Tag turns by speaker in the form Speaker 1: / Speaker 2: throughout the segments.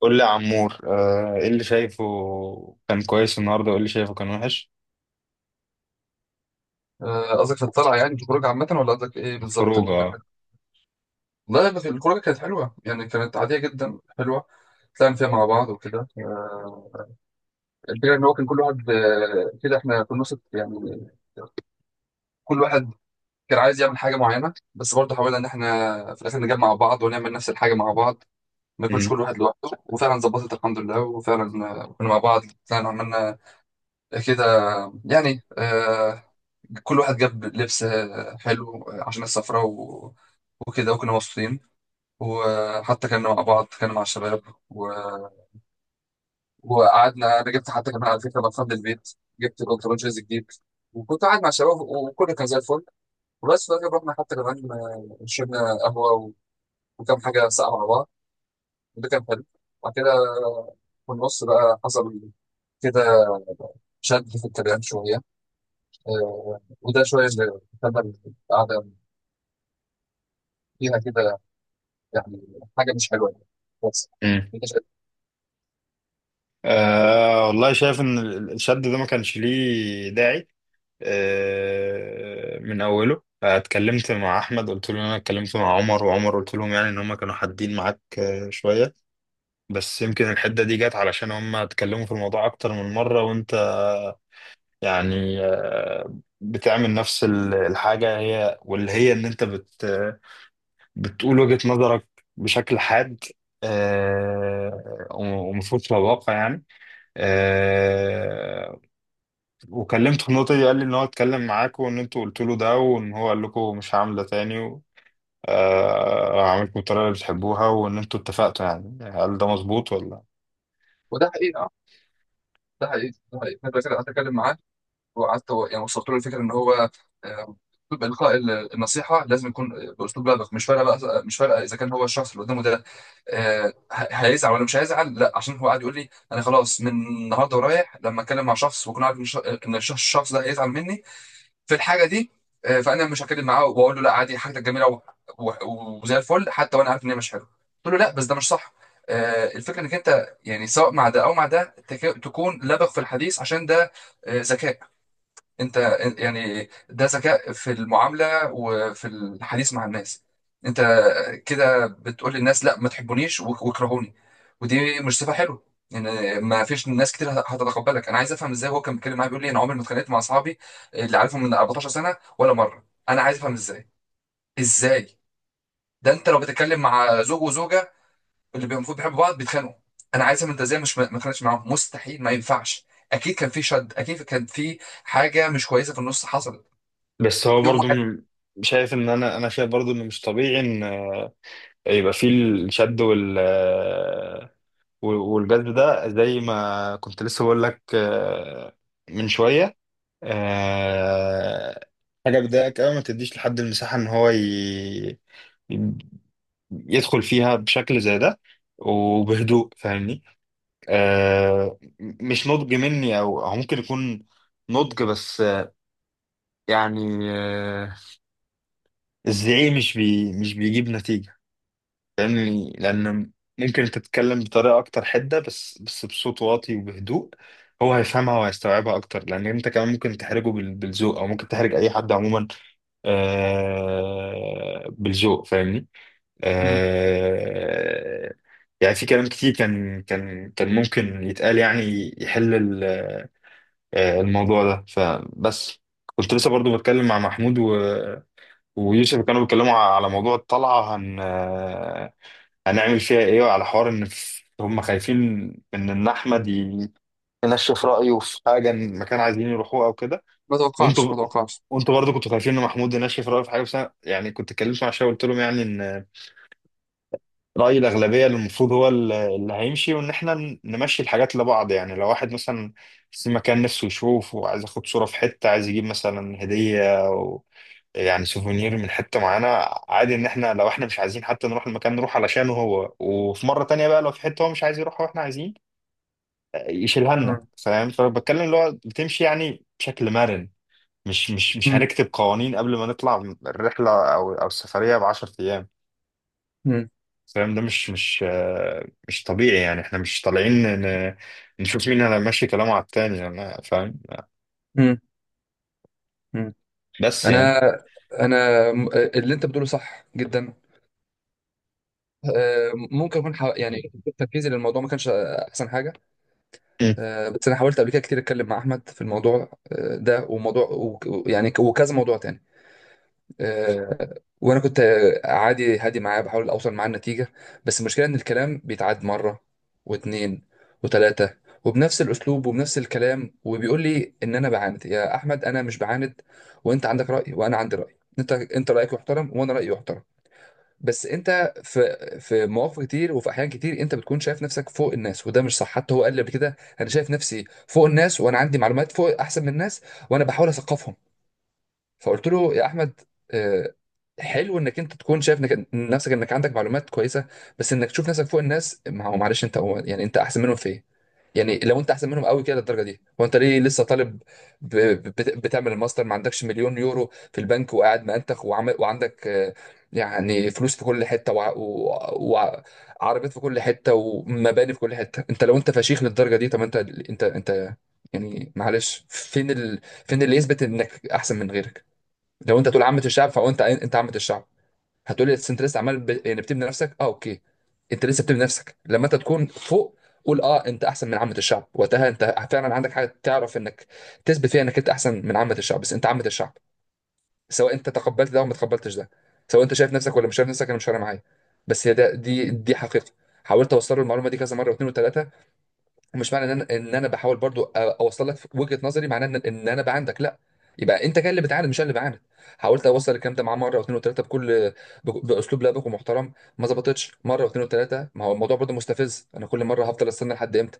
Speaker 1: قول لي يا عمور، ايه اللي شايفه كان كويس النهارده وايه اللي شايفه كان وحش؟
Speaker 2: قصدك في الطلعة يعني في الخروج عامة ولا قصدك إيه بالظبط
Speaker 1: الخروج
Speaker 2: اللي كان حلو؟
Speaker 1: اه.
Speaker 2: لا لا في الخروجة كانت حلوة، يعني كانت عادية جدا حلوة. طلعنا فيها مع بعض وكده. الفكرة إن هو كان كل واحد، كده إحنا في النص يعني كل واحد كان عايز يعمل حاجة معينة، بس برضه حاولنا إن إحنا في الآخر نجمع بعض ونعمل نفس الحاجة مع بعض، ما يكونش
Speaker 1: مم.
Speaker 2: كل واحد لوحده. وفعلا ظبطت الحمد لله، وفعلا كنا مع بعض، طلعنا عملنا كده يعني. كل واحد جاب لبس حلو عشان السفرة وكده، وكنا مبسوطين، وحتى كنا مع بعض كنا مع الشباب و... وقعدنا. انا جبت حتى كمان على فكره بطلت البيت، جبت الانترنشيز جديد، وكنت قاعد مع الشباب وكل كان زي الفل. وبس في الاخر رحنا حتى كمان، شربنا قهوه وكم حاجه ساقعه مع بعض، وده كان حلو. وبعد كده في النص بقى حصل كده شد في الكلام شويه. آه، وده شويه اللي خلى القعده فيها كده يعني حاجه مش حلوه يعني. بس
Speaker 1: مم.
Speaker 2: انت شايف.
Speaker 1: والله شايف ان الشد ده ما كانش ليه داعي. من اوله اتكلمت مع احمد، قلت له ان انا اتكلمت مع عمر، وعمر قلت لهم يعني ان هم كانوا حادين معاك شويه. بس يمكن الحده دي جت علشان هم اتكلموا في الموضوع اكتر من مره، وانت يعني آه، بتعمل نفس الحاجه، هي واللي هي ان انت بتقول وجهة نظرك بشكل حاد، ومفروض تبقى واقع يعني. آه، وكلمته في النقطة دي، قال لي إن هو اتكلم معاكم، وإن أنتوا قلتوا له ده، وإن هو قال لكم مش هعمل ده تاني هعملكم بالطريقة اللي بتحبوها، وإن أنتوا اتفقتوا، يعني هل ده مظبوط ولا؟
Speaker 2: وده حقيقه، ده حقيقي، ده حقيقي. انا بتكلم معاه وقعدت يعني وصلت له الفكره ان هو آه، أسلوب إلقاء النصيحة لازم يكون بأسلوب لبق. مش فارقة بقى، مش فارقة إذا كان هو الشخص اللي قدامه ده هيزعل ولا مش هيزعل، لا. عشان هو قاعد يقول لي أنا خلاص من النهاردة ورايح، لما أتكلم مع شخص وأكون عارف إن الشخص، الشخص ده هيزعل مني في الحاجة دي، فأنا مش هتكلم معاه، وأقول له لا عادي حاجتك جميلة وزي الفل، حتى وأنا عارف إن هي مش حلوة. قلت له لا، بس ده مش صح. الفكرة إنك أنت يعني سواء مع ده أو مع ده تكون لبق في الحديث، عشان ده ذكاء. انت يعني ده ذكاء في المعاملة وفي الحديث مع الناس. انت كده بتقول للناس لا ما تحبونيش واكرهوني، ودي مش صفة حلوة. ان ما فيش ناس كتير هتتقبلك. انا عايز افهم ازاي هو كان بيتكلم معايا بيقول لي انا عمري ما اتخانقت مع اصحابي اللي عارفهم من 14 سنة ولا مرة. انا عايز افهم ازاي، ازاي؟ ده انت لو بتتكلم مع زوج وزوجة المفروض بيحبوا بعض بيتخانقوا. انا عايز افهم انت ازاي مش ما اتخانقتش معاهم؟ مستحيل، ما ينفعش. اكيد كان في شد، اكيد كان في حاجة مش كويسة في النص حصلت
Speaker 1: بس هو
Speaker 2: يوم
Speaker 1: برضو
Speaker 2: واحد.
Speaker 1: شايف إن أنا شايف برضو إنه مش طبيعي إن يبقى فيه الشد والجذب ده، زي ما كنت لسه بقول لك من شوية. آه، حاجة بتضايقك أوي ما تديش لحد المساحة إن هو يدخل فيها بشكل زي ده، وبهدوء فاهمني. مش نضج مني، أو ممكن يكون نضج، بس يعني الزعيق مش بيجيب نتيجة، لأن لأن ممكن تتكلم بطريقة أكتر حدة، بس بصوت واطي وبهدوء، هو هيفهمها وهيستوعبها أكتر، لأن أنت كمان ممكن تحرجه بالذوق، أو ممكن تحرج أي حد عموما بالذوق فاهمني.
Speaker 2: مم.
Speaker 1: آه يعني في كلام كتير كان ممكن يتقال، يعني يحل الموضوع ده. فبس كنت لسه برضو بتكلم مع محمود ويوسف، كانوا بيتكلموا على موضوع الطلعة هنعمل فيها ايه، وعلى حوار ان هم خايفين من ان احمد ينشف رايه في حاجه، إن مكان عايزين يروحوه او كده.
Speaker 2: ما توقعش، ما
Speaker 1: وانتوا
Speaker 2: توقعش.
Speaker 1: وانتوا برضه كنتوا خايفين ان محمود ينشف رايه في حاجه، بس أنا يعني كنت اتكلمت مع شويه، قلت لهم يعني ان رأي الأغلبية اللي المفروض هو اللي هيمشي، وإن إحنا نمشي الحاجات لبعض، يعني لو واحد مثلا في مكان نفسه يشوف وعايز ياخد صورة في حتة، عايز يجيب مثلا هدية أو يعني سوفونير من حتة معينة، عادي إن إحنا لو إحنا مش عايزين حتى نروح المكان، نروح علشانه هو، وفي مرة تانية بقى لو في حتة هو مش عايز يروحها وإحنا عايزين يشيلها لنا،
Speaker 2: مم.
Speaker 1: فاهم؟ فبتكلم اللي هو بتمشي يعني بشكل مرن. مش
Speaker 2: مم.
Speaker 1: هنكتب قوانين قبل ما نطلع الرحلة أو السفرية ب10 أيام،
Speaker 2: مم.
Speaker 1: فاهم؟ ده مش طبيعي، يعني احنا مش طالعين ن- نشوف مين اللي ماشي كلامه على التاني، انا فاهم،
Speaker 2: مم. مم.
Speaker 1: بس يعني.
Speaker 2: انا انا م- اللي انت بتقوله صح جدا. ممكن اكون يعني تركيزي للموضوع ما كانش احسن حاجه.
Speaker 1: مم.
Speaker 2: بس انا حاولت قبل كده كتير اتكلم مع احمد في الموضوع ده، وموضوع يعني وكذا موضوع تاني. آه، وانا كنت عادي هادي معاه، بحاول اوصل معاه النتيجه. بس المشكله ان الكلام بيتعاد مره واتنين وتلاته، وبنفس الاسلوب وبنفس الكلام، وبيقول لي ان انا بعاند. يا احمد انا مش بعاند، وانت عندك راي وانا عندي راي. انت رايك يحترم وانا رايي يحترم، بس انت في في مواقف كتير وفي احيان كتير انت بتكون شايف نفسك فوق الناس، وده مش صح. حتى هو قال لي قبل كده انا شايف نفسي فوق الناس، وانا عندي معلومات فوق احسن من الناس، وانا بحاول اثقفهم. فقلت له يا احمد، آه، حلو انك انت تكون شايف انك نفسك انك عندك معلومات كويسه، بس انك تشوف نفسك فوق الناس، ما هو معلش انت هو يعني انت احسن منهم في ايه؟ يعني لو انت احسن منهم قوي كده للدرجه دي، هو انت ليه لسه طالب؟ ب- بتعمل الماستر، ما عندكش مليون يورو في البنك وقاعد مأنتخ وعمل وعندك يعني فلوس في كل حته وعربيات في كل حته ومباني في كل حته. انت لو انت فشيخ للدرجه دي، طب انت يعني معلش فين فين اللي يثبت انك احسن من غيرك؟ لو انت تقول عامه الشعب، فهو انت انت عامه الشعب. هتقول لي انت لسه عمال يعني بتبني نفسك، اه اوكي، انت لسه بتبني نفسك. لما انت تكون فوق قول اه انت احسن من عامه الشعب، وقتها انت فعلا عندك حاجه تعرف انك تثبت فيها انك انت احسن من عامه الشعب. بس انت عامه الشعب، سواء انت تقبلت ده او ما تقبلتش ده، سواء انت شايف نفسك ولا مش شايف نفسك، انا مش فارق معايا، بس هي ده دي حقيقه. حاولت اوصل له المعلومه دي كذا مره واثنين وثلاثه. ومش معنى ان انا بحاول برضو اوصل لك وجهه نظري، معناه ان انا بعاندك. لا، يبقى انت كان اللي بتعاند مش انا اللي بعاند. حاولت اوصل الكلام ده معاه مره واثنين وثلاثه بكل باسلوب لبق ومحترم، ما ظبطتش مره واثنين وثلاثه. ما هو الموضوع برضو مستفز، انا كل مره هفضل استنى لحد امتى؟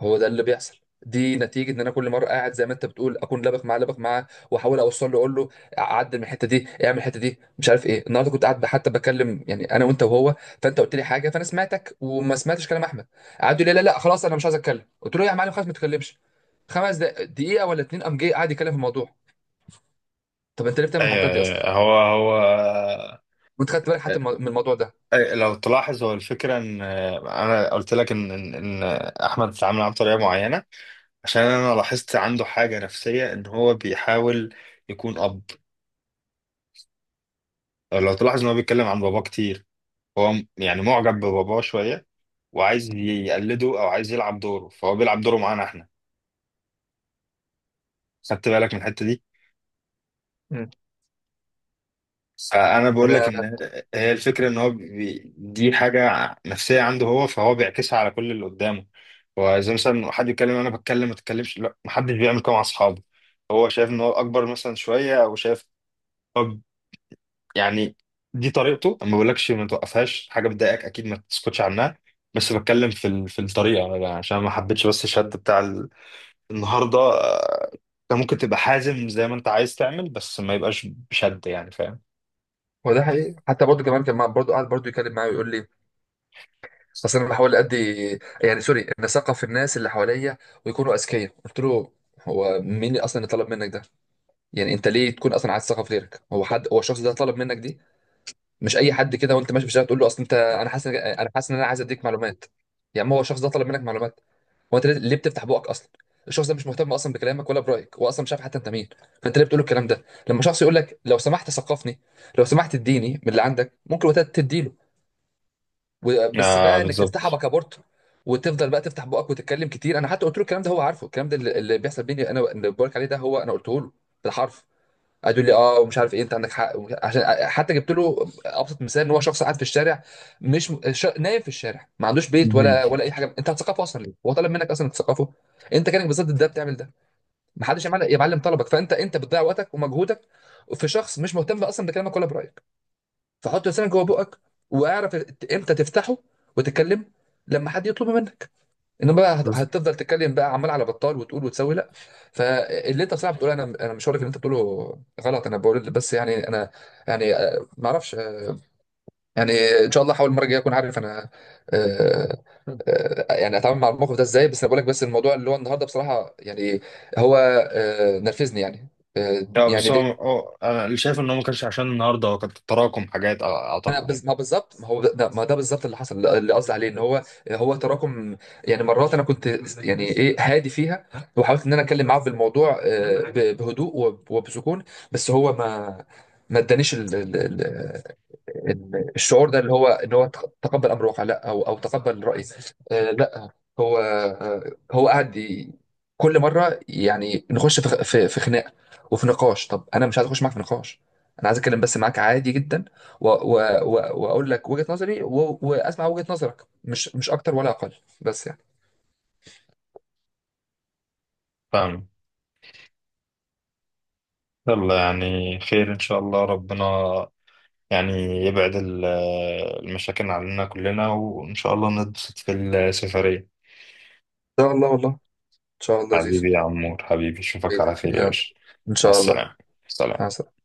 Speaker 2: هو ده اللي بيحصل. دي نتيجة ان انا كل مرة قاعد زي ما انت بتقول اكون لبخ معاه، لبخ معاه، واحاول اوصل له، اقول له عدل من الحتة دي، اعمل الحتة دي، مش عارف ايه. النهارده كنت قاعد حتى بكلم يعني انا وانت وهو، فانت قلت لي حاجة فانا سمعتك وما سمعتش كلام احمد. قعد يقول لي لا لا خلاص انا مش عايز اتكلم، قلت له يا معلم خلاص ما تتكلمش. خمس دقيقة ولا اتنين قام جاي قاعد يتكلم في الموضوع. طب انت ليه بتعمل الحركات دي اصلا؟
Speaker 1: آه، هو هو آه،
Speaker 2: وانت خدت بالك حتى من الموضوع ده؟
Speaker 1: آه، لو تلاحظ، هو الفكرة ان انا قلت لك ان ان إن احمد اتعامل معاه بطريقة معينة، عشان انا لاحظت عنده حاجة نفسية ان هو بيحاول يكون اب. لو تلاحظ ان هو بيتكلم عن باباه كتير، هو يعني معجب بباباه شوية، وعايز يقلده او عايز يلعب دوره، فهو بيلعب دوره معانا احنا، خدت بالك من الحتة دي؟
Speaker 2: مم.
Speaker 1: فانا بقول لك ان
Speaker 2: انا
Speaker 1: هي الفكره ان هو دي حاجه نفسيه عنده هو، فهو بيعكسها على كل اللي قدامه. هو زي مثلا حد يتكلم، انا بتكلم ما تتكلمش، لا محدش بيعمل كده مع اصحابه، هو شايف ان هو اكبر مثلا شويه، او شايف طب، يعني دي طريقته. أنا ما بقولكش ما توقفهاش، حاجه بتضايقك اكيد ما تسكتش عنها، بس بتكلم في في الطريقه، أنا عشان ما حبيتش بس الشد بتاع النهارده. انت ممكن تبقى حازم زي ما انت عايز تعمل، بس ما يبقاش بشد يعني فاهم؟
Speaker 2: هو ده حقيقي. حتى برضه كمان كان برضه قاعد برضه يتكلم معايا ويقول لي اصل انا بحاول ادي يعني سوري ان اثقف الناس اللي حواليا ويكونوا اذكياء. قلت له هو مين اللي اصلا اللي طلب منك ده؟ يعني انت ليه تكون اصلا عايز تثقف غيرك؟ هو حد، هو الشخص ده طلب منك دي؟ مش اي حد كده وانت ماشي في الشارع تقول له اصل انت انا حاسس ان انا عايز اديك معلومات. يا عم هو الشخص ده طلب منك معلومات؟ هو انت ليه بتفتح بقك اصلا؟ الشخص ده مش مهتم اصلا بكلامك ولا برايك، هو اصلا مش عارف حتى انت مين. فانت ليه بتقول له الكلام ده؟ لما شخص يقول لك لو سمحت ثقفني، لو سمحت اديني من اللي عندك، ممكن وقتها تديله. بس
Speaker 1: آه
Speaker 2: بقى انك تفتحها
Speaker 1: بالظبط.
Speaker 2: بكابورت وتفضل بقى تفتح بقك وتتكلم كتير. انا حتى قلت له الكلام ده، هو عارفه الكلام ده اللي بيحصل بيني، انا اللي بقولك عليه ده هو انا قلته له بالحرف. قعد يقول لي اه ومش عارف ايه انت عندك حق، عشان حتى جبت له ابسط مثال ان هو شخص قاعد في الشارع مش ش... نايم في الشارع ما عندوش بيت ولا ولا اي حاجه. انت هتثقفه اصلا ليه؟ هو طلب منك اصلا تثقفه؟ انت كانك بالظبط ده بتعمل ده، ما حدش يا معلم، يا معلم طلبك، فانت انت بتضيع وقتك ومجهودك في شخص مش مهتم اصلا بكلامك ولا برايك. فحط لسانك جوه بقك، واعرف امتى تفتحه وتتكلم، لما حد يطلب منك. انما بقى
Speaker 1: اه،
Speaker 2: هتفضل تتكلم بقى عمال على بطال وتقول وتسوي، لا. فاللي انت بصراحه بتقوله، انا مش هقول لك اللي انت بتقوله غلط، انا بقول بس يعني انا، يعني ما اعرفش، يعني ان شاء الله احاول المره الجايه اكون عارف انا آه، يعني اتعامل مع الموقف ده ازاي. بس انا بقول لك بس الموضوع اللي هو النهارده بصراحه يعني هو نرفزني يعني آه،
Speaker 1: بس
Speaker 2: يعني
Speaker 1: هو انا اللي شايف ان هو ما كانش عشان النهارده، هو كان تراكم حاجات اعتقد يعني
Speaker 2: ما بالظبط، ما هو ده ما ده بالظبط اللي حصل، اللي قصدي عليه ان هو هو تراكم. يعني مرات انا كنت يعني ايه هادي فيها، وحاولت ان انا اتكلم معاه في الموضوع بهدوء وبسكون، بس هو ما ادانيش الشعور ده اللي هو ان هو تقبل امر واقع. لا، او او تقبل راي لا. هو آه، هو قاعد كل مره يعني نخش في في خناق وفي نقاش. طب انا مش عايز اخش معاك في نقاش، انا عايز اتكلم بس معاك عادي جدا واقول لك وجهه نظري واسمع وجهه نظرك، مش اكتر ولا اقل، بس يعني.
Speaker 1: فاهم؟ يلا يعني خير ان شاء الله، ربنا يعني يبعد المشاكل عننا كلنا، وان شاء الله نتبسط في السفرية.
Speaker 2: ان شاء الله، والله ان شاء الله يا زيزو.
Speaker 1: حبيبي يا عمور، حبيبي اشوفك على خير يا
Speaker 2: يلا
Speaker 1: باشا،
Speaker 2: ان
Speaker 1: مع
Speaker 2: شاء الله.
Speaker 1: السلامة،
Speaker 2: مع
Speaker 1: سلام.
Speaker 2: السلامه.